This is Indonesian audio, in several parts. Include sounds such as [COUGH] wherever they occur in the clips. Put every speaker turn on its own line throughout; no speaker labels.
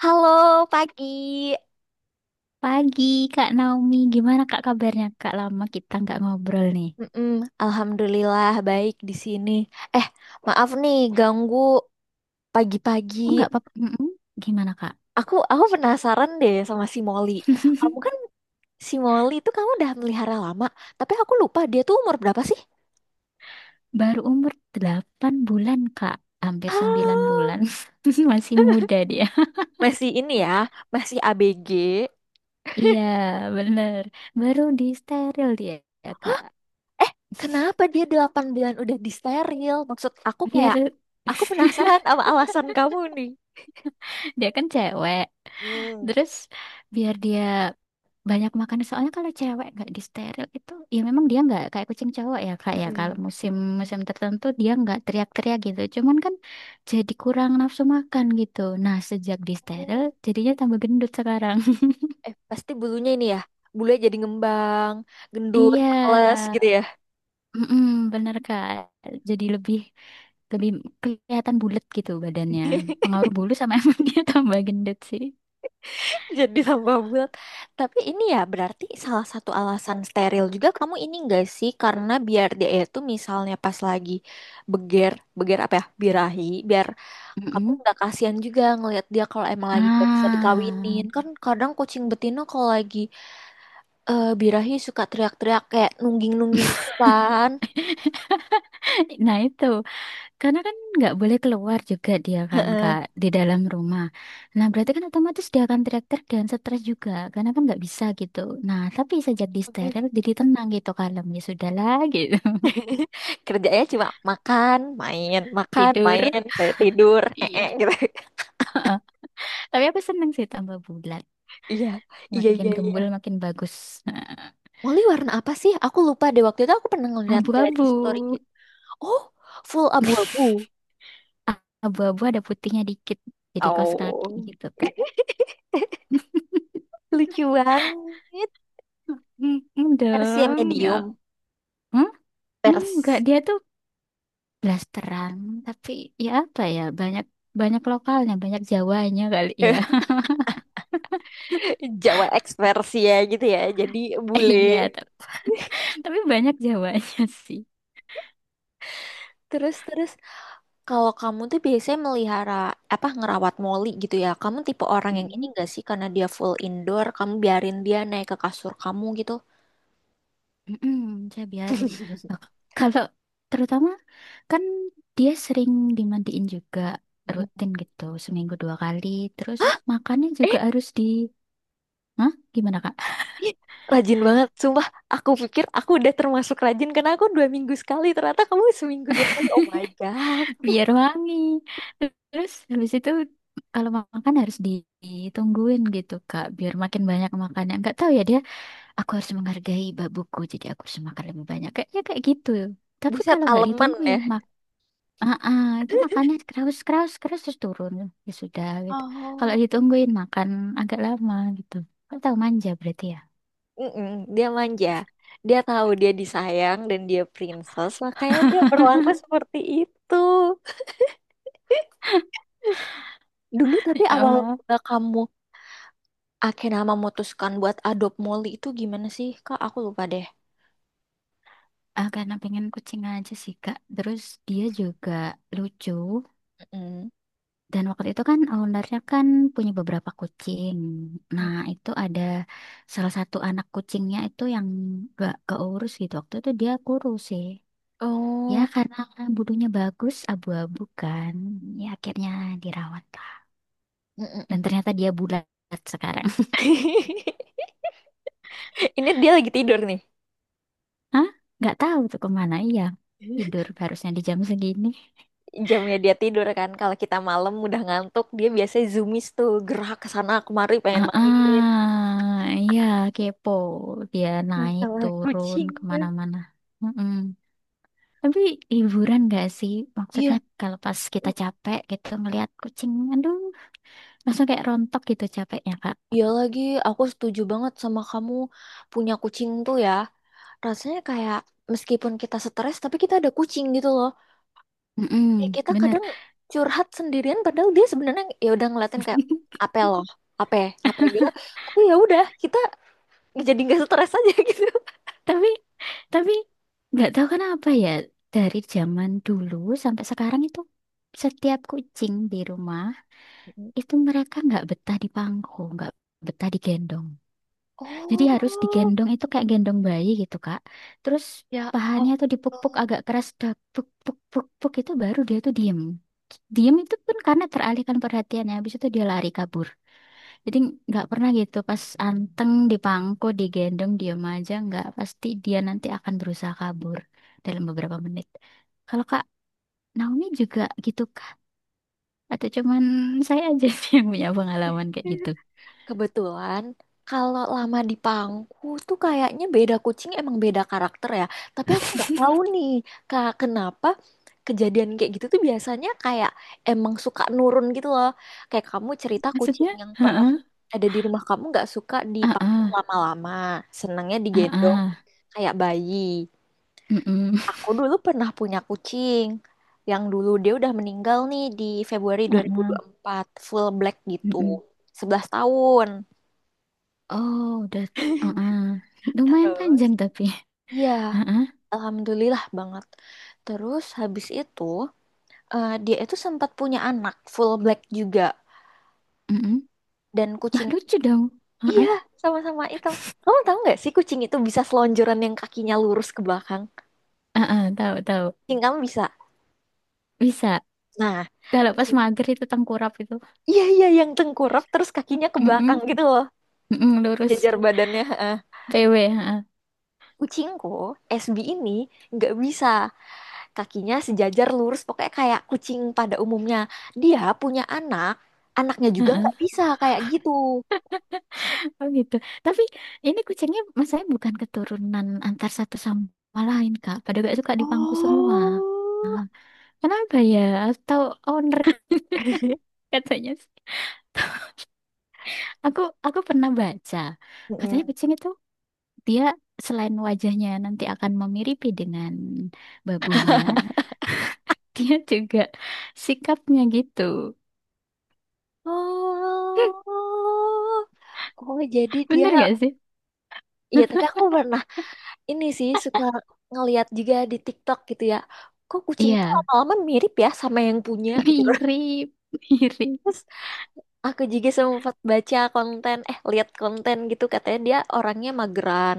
Halo, pagi.
Pagi, Kak Naomi. Gimana Kak kabarnya? Kak, lama kita nggak ngobrol nih.
Mm-mm, Alhamdulillah baik di sini. Eh, maaf nih ganggu pagi-pagi.
Oh, nggak apa-apa. Mm-mm. Gimana Kak?
Aku penasaran deh sama si Molly. Kamu
[LAUGHS]
kan si Molly itu kamu udah melihara lama, tapi aku lupa dia tuh umur berapa sih?
Baru umur 8 bulan Kak. Hampir 9
Halo.
bulan. [LAUGHS] Masih
[LAUGHS]
muda dia.
Masih ini ya, masih ABG.
Iya, bener. Baru di steril dia ya Kak.
Eh, kenapa dia 8 bulan udah disteril? Maksud aku
Biar
kayak aku penasaran sama alasan kamu nih.
[LAUGHS] dia kan cewek.
Hmm.
Terus biar dia banyak makan, soalnya kalau cewek nggak disteril itu ya memang dia nggak kayak kucing cowok ya kak ya, kalau
Mm-mm.
musim musim tertentu dia nggak teriak-teriak gitu, cuman kan jadi kurang nafsu makan gitu. Nah sejak disteril jadinya tambah gendut sekarang.
Eh, pasti bulunya ini ya, bulunya jadi ngembang,
[LAUGHS]
gendut
Iya,
males gitu ya.
mm bener kak. Jadi lebih lebih kelihatan bulat gitu badannya.
[LAUGHS]
Pengaruh bulu sama [LAUGHS] emang dia tambah gendut sih.
Jadi tambah bulat. Tapi ini ya berarti salah satu alasan steril juga kamu ini enggak sih, karena biar dia itu misalnya pas lagi beger, apa ya, birahi, biar kamu
Mm-mm.
nggak kasihan juga ngelihat dia kalau emang lagi nggak bisa
ah
dikawinin, kan kadang kucing betina kalau lagi birahi suka teriak-teriak kayak nungging-nungging gitu kan.
[LAUGHS] nah itu. Karena kan nggak boleh keluar juga dia kan Kak,
[LAUGHS]
di dalam rumah. Nah berarti kan otomatis dia akan teriak-teriak dan stres juga, karena kan nggak bisa gitu. Nah tapi sejak di
Heeh.
steril jadi tenang gitu, kalem, ya sudahlah gitu.
[LAUGHS] Kerjanya cuma
[LAUGHS]
makan,
Tidur.
main, kayak tidur,
Iya.
gitu. [LAUGHS]
Tapi aku seneng sih tambah bulat.
Iya, iya,
Makin
iya, iya.
gembul makin bagus.
Molly warna apa sih? Aku lupa deh, waktu itu aku pernah
[LAUGHS]
ngeliat dari story
Abu-abu.
gitu. Oh, full abu-abu.
[LAUGHS] Abu-abu ada putihnya dikit. Jadi kaos kaki
Oh,
gitu Kak.
lucu banget.
Hmm, hmm
Versi yang
dong
medium,
ya. Hmm? Enggak,
pers
dia tuh blasteran, tapi ya apa ya, banyak banyak lokalnya, banyak Jawanya kali ya.
[LAUGHS] Jawa X versi ya gitu ya. Jadi
[LAUGHS]
bule.
Iya,
[LAUGHS]
tapi banyak Jawanya [LAUGHS] sih.
Terus terus, kalau kamu tuh biasanya melihara apa ngerawat Molly gitu ya? Kamu tipe orang yang ini
Mm-mm,
gak sih, karena dia full indoor, kamu biarin dia naik ke kasur kamu gitu?
mm-mm, saya biarin. Nah, kalau terutama kan dia sering dimandiin juga
Mm.
rutin gitu seminggu 2 kali. Terus makannya juga
Eh,
harus di— Hah? Gimana Kak?
ih, rajin banget, sumpah. Aku pikir aku udah termasuk rajin karena aku 2 minggu sekali. Ternyata kamu seminggu 2 kali. Oh my god,
[LAUGHS] Biar wangi. Terus habis itu kalau makan harus ditungguin gitu Kak, biar makin banyak makannya. Nggak tahu ya dia, aku harus menghargai babuku, jadi aku harus makan lebih banyak, kayaknya kayak gitu. Tapi
buset
kalau nggak
aleman ya.
ditungguin itu makannya keras keras keras, terus turun, ya sudah gitu. Kalau
Oh,
ditungguin makan agak lama gitu. Kau tahu manja berarti ya.
mm-mm, dia manja. Dia tahu dia disayang dan dia princess, makanya dia berlaku seperti itu. Dulu tapi
Ya
awal
Allah.
mula kamu akhirnya memutuskan buat adopt Molly itu gimana sih Kak? Aku lupa deh.
Ah, karena pengen kucing aja sih Kak. Terus dia juga lucu.
Mm-mm.
Dan waktu itu kan ownernya kan punya beberapa kucing.
Mm.
Nah itu ada salah satu anak kucingnya itu yang gak keurus gitu. Waktu itu dia kurus sih. Ya
Oh,
karena bulunya bagus, abu-abu kan. Ya akhirnya dirawat lah. Dan
mm-mm.
ternyata dia bulat sekarang. [LAUGHS]
[LAUGHS] Ini dia lagi tidur nih.
Hah? Nggak tahu tuh kemana. Iya, tidur
[LAUGHS]
harusnya di jam segini.
Jamnya dia tidur kan. Kalau kita malam udah ngantuk, dia biasanya zoomies tuh gerak ke sana kemari pengen main.
Ah, iya, kepo. Dia naik
Masalah
turun
kucing.
kemana-mana. Mm-mm. Tapi hiburan gak sih? Maksudnya
Iya,
kalau pas kita capek gitu ngelihat kucing, aduh, langsung kayak rontok gitu capeknya Kak.
iya lagi. Aku setuju banget sama kamu, punya kucing tuh ya. Rasanya kayak meskipun kita stres, tapi kita ada kucing gitu loh. Kayak
Mm-mm,
kita
bener.
kadang curhat sendirian padahal dia sebenarnya ya udah ngeliatin kayak
[LAUGHS]
apa loh, apa apa gitu, tapi ya udah, kita jadi nggak stres aja. [LAUGHS] Gitu,
tapi tapi nggak tahu kenapa ya, dari zaman dulu sampai sekarang itu setiap kucing di rumah itu mereka nggak betah di pangku, nggak betah digendong. Jadi harus
oh
digendong itu kayak gendong bayi gitu kak. Terus
ya
pahanya tuh dipuk-puk
Allah.
agak keras, dak puk puk puk puk, itu baru dia tuh diem. Diem itu pun karena teralihkan perhatiannya, habis itu dia lari kabur. Jadi nggak pernah gitu pas anteng dipangku, digendong, diem aja nggak, pasti dia nanti akan berusaha kabur dalam beberapa menit. Kalau Kak Naomi juga gitu kah? Atau cuman saya aja [LAUGHS] sih yang punya pengalaman kayak gitu?
Kebetulan kalau lama di Pangku tuh kayaknya beda kucing emang beda karakter ya. Tapi aku nggak tahu
[LAUGHS]
nih Kak, kenapa kejadian kayak gitu tuh biasanya kayak emang suka nurun gitu loh. Kayak kamu cerita kucing
Maksudnya?
yang pernah
Heeh,
ada di rumah kamu nggak suka di Pangku
heeh,
lama-lama, senangnya digendong
heeh,
kayak bayi.
mm-mm,
Aku dulu pernah punya kucing, yang dulu dia udah meninggal nih di Februari
heeh,
2024, full black gitu.
mm-mm.
11 tahun.
Oh, udah, heeh. Lumayan
Terus?
panjang tapi,
Iya,
heeh,
alhamdulillah banget. Terus habis itu dia itu sempat punya anak full black juga
mm-mm.
dan
Mah
kucing.
lucu dong,
Iya,
heeh,
sama-sama hitam. Kamu tahu nggak sih kucing itu bisa selonjoran yang kakinya lurus ke belakang?
heeh, tahu tahu.
Kucing kamu bisa.
Bisa.
Nah,
Kalau pas
kucing.
mager itu tengkurap itu.
Iya iya, yang tengkurap terus kakinya ke belakang
Mm-mm,
gitu loh,
mm-mm, lurus
jajar badannya. Heeh.
PW. Ha,
Kucingku SB ini nggak bisa. Kakinya sejajar lurus pokoknya kayak kucing pada umumnya, dia punya anak, anaknya
ha,
juga nggak
ha.
bisa kayak gitu.
Oh gitu. Tapi ini kucingnya masalahnya bukan keturunan antar satu sama lain, Kak. Pada gak suka dipangku semua.
Oh,
Kenapa ya? Atau owner [LAUGHS] katanya sih. Aku aku pernah baca. Katanya
mm-mm.
kucing itu dia selain wajahnya nanti akan memiripi dengan babunya, [LAUGHS] dia juga sikapnya gitu.
Oh, oh, jadi dia,
Bener gak sih?
ya tapi
[LAUGHS]
aku pernah ini sih suka ngeliat juga di TikTok gitu ya, kok kucing tuh
Iya,
lama-lama mirip ya sama yang punya gitu.
mirip, mirip.
[LAUGHS] Aku juga sempat baca konten, eh lihat konten gitu, katanya dia orangnya mageran.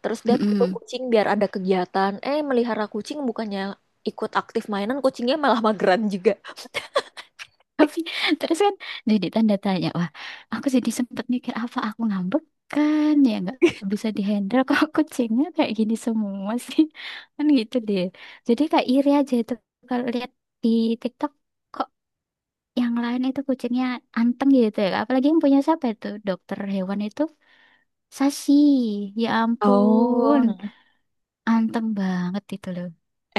Terus dia butuh
Mm-mm.
kucing biar ada kegiatan. Eh, melihara kucing bukannya ikut aktif mainan, kucingnya malah mageran juga.
Tapi terus kan jadi tanda tanya, wah, aku jadi sempet mikir apa aku ngambek, kan ya nggak bisa dihandle kok [LAUGHS] kucingnya kayak gini semua sih, kan gitu deh. Jadi kayak iri aja itu kalau lihat di TikTok, kok yang lain itu kucingnya anteng gitu ya. Apalagi yang punya siapa itu dokter hewan itu, Sashi, ya ampun,
Oh,
anteng banget itu loh.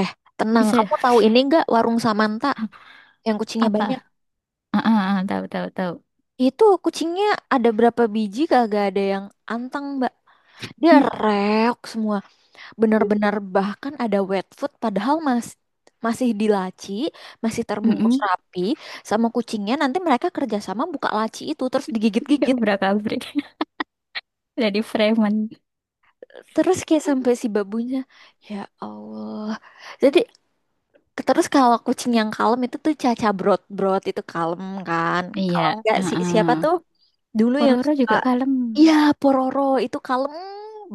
eh, tenang,
Bisa
kamu tahu ini nggak warung Samanta yang
[LAUGHS]
kucingnya
apa?
banyak?
Tahu tahu tahu.
Itu kucingnya ada berapa biji kagak ada yang anteng, Mbak. Dia
Mm,
reok semua. Benar-benar, bahkan ada wet food padahal mas, masih di laci, masih
mm,
terbungkus
mm.
rapi, sama kucingnya nanti mereka kerjasama buka laci itu terus digigit-gigit,
Kabrak-kabrik [LAUGHS] dari preman.
terus kayak sampai si babunya, ya Allah. Jadi terus, kalau kucing yang kalem itu tuh Caca brot-brot itu kalem kan,
Iya,
kalau enggak si siapa tuh
heeh.
dulu yang
Pororo
suka,
juga kalem.
iya, Pororo itu kalem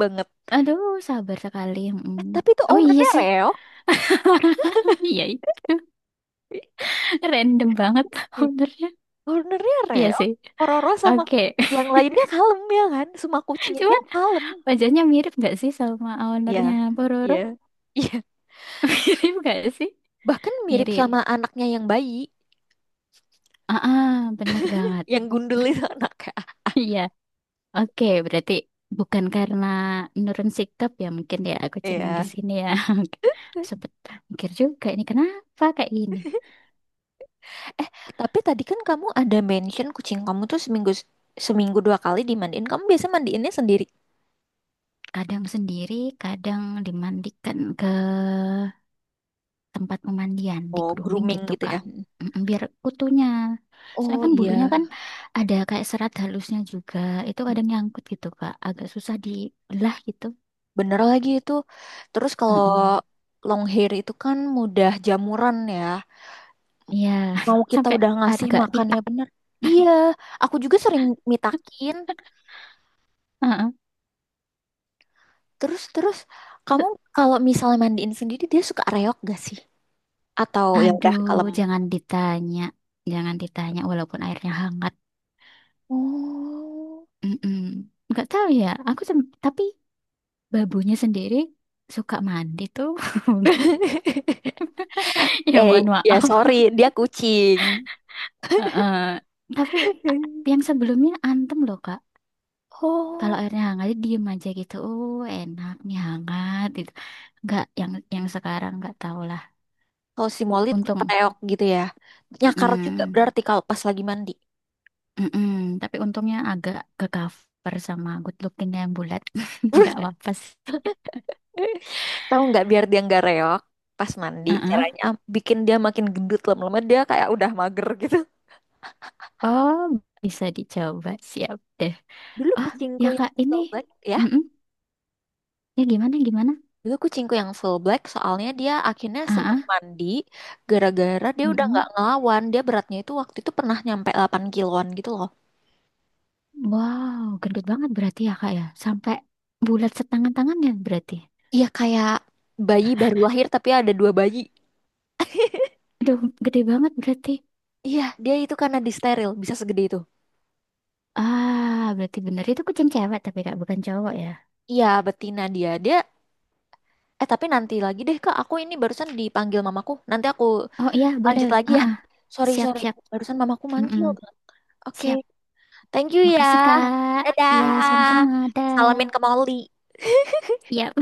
banget.
Aduh, sabar sekali. Mm.
Eh, tapi itu
Oh iya
ownernya
sih.
Reo.
[LAUGHS] Iya itu. Random banget [LAUGHS] ownernya.
Ownernya
Iya
Reo,
sih.
Pororo sama
Oke.
yang lainnya kalem ya kan? Semua
[LAUGHS]
kucingnya dia
Cuman
kalem.
wajahnya mirip nggak sih sama ownernya
Ya,
Pororo?
iya, iya.
[LAUGHS] Mirip nggak sih?
Bahkan mirip, iya,
Mirip.
sama anaknya yang bayi,
Ah, bener banget.
yang gundul itu [LAUGHS] anaknya.
Iya. Oke, berarti bukan karena nurun sikap ya mungkin ya kucing yang
Iya.
di sini ya. [LAUGHS] Oke. Sempet mikir juga ini kenapa kayak gini.
Eh, tapi tadi kan kamu ada mention kucing kamu tuh seminggu seminggu dua kali dimandiin. Kamu biasa mandiinnya sendiri?
Kadang sendiri, kadang dimandikan ke tempat pemandian, di
Oh,
grooming
grooming
gitu,
gitu ya?
Kak.
Hmm.
Mm, biar kutunya. Soalnya
Oh
kan bulunya
iya,
kan ada kayak serat halusnya juga. Itu kadang
hmm,
nyangkut gitu, Kak. Agak susah dibelah gitu.
bener lagi itu. Terus kalau
Mm-mm.
long hair itu kan mudah jamuran ya.
Iya,
Mau
[LAUGHS]
kita
sampai
udah ngasih
agak
makannya
pitak.
bener, iya, aku juga sering mitakin.
Heeh.
Terus terus, kamu kalau misalnya mandiin sendiri, dia suka reok gak sih atau ya udah
Aduh,
kalem?
jangan ditanya. Jangan ditanya walaupun airnya hangat.
Oh,
Mm-mm. Nggak tahu ya. Tapi babunya sendiri suka mandi tuh. [LAUGHS]
[LAUGHS]
Ya
eh,
mohon
ya
maaf.
sorry, dia kucing.
Heeh. Tapi a- yang
[LAUGHS]
sebelumnya antem loh Kak. Kalau
Oh,
airnya hangat dia diem aja gitu. Oh enak nih hangat gitu. Nggak yang sekarang nggak tahu lah.
kalau si Molly tetep
Untung.
reok gitu ya, nyakar juga
Mm,
berarti kalau pas lagi mandi. [LAUGHS]
mm-mm. Tapi untungnya agak ke cover sama good looking yang bulat. [LAUGHS] Nggak apa-apa sih.
Tahu nggak, biar dia nggak reok pas mandi,
Heeh.
caranya bikin dia makin gendut, lama-lama dia kayak udah mager gitu.
Oh bisa dicoba, siap deh.
Dulu
Oh
kucingku
ya
yang
Kak ini.
full black ya.
Mm-mm. Ya gimana gimana?
Dulu kucingku yang full black soalnya dia akhirnya senang
Heeh.
mandi gara-gara dia udah
Mm.
nggak ngelawan. Dia beratnya itu waktu itu pernah nyampe 8 kiloan gitu loh.
Wow, gendut banget berarti ya kak ya. Sampai bulat setangan tangannya berarti.
Iya kayak bayi baru lahir tapi ada dua bayi.
Aduh, gede banget berarti.
Iya, dia itu karena disteril bisa segede itu.
Ah, berarti bener. Itu kucing cewek tapi kak, bukan cowok ya.
Iya, betina dia. Tapi nanti lagi deh Kak, aku ini barusan dipanggil mamaku. Nanti aku
Oh iya, boleh.
lanjut lagi
Ah,
ya.
ah.
Sorry,
Siap,
sorry.
siap.
Barusan mamaku
Mm-mm.
manggil. Oke,
Siap.
thank you ya.
Makasih kak. Iya,
Dadah.
sama-sama.
Salamin ke
Dah.
Molly.
Iya.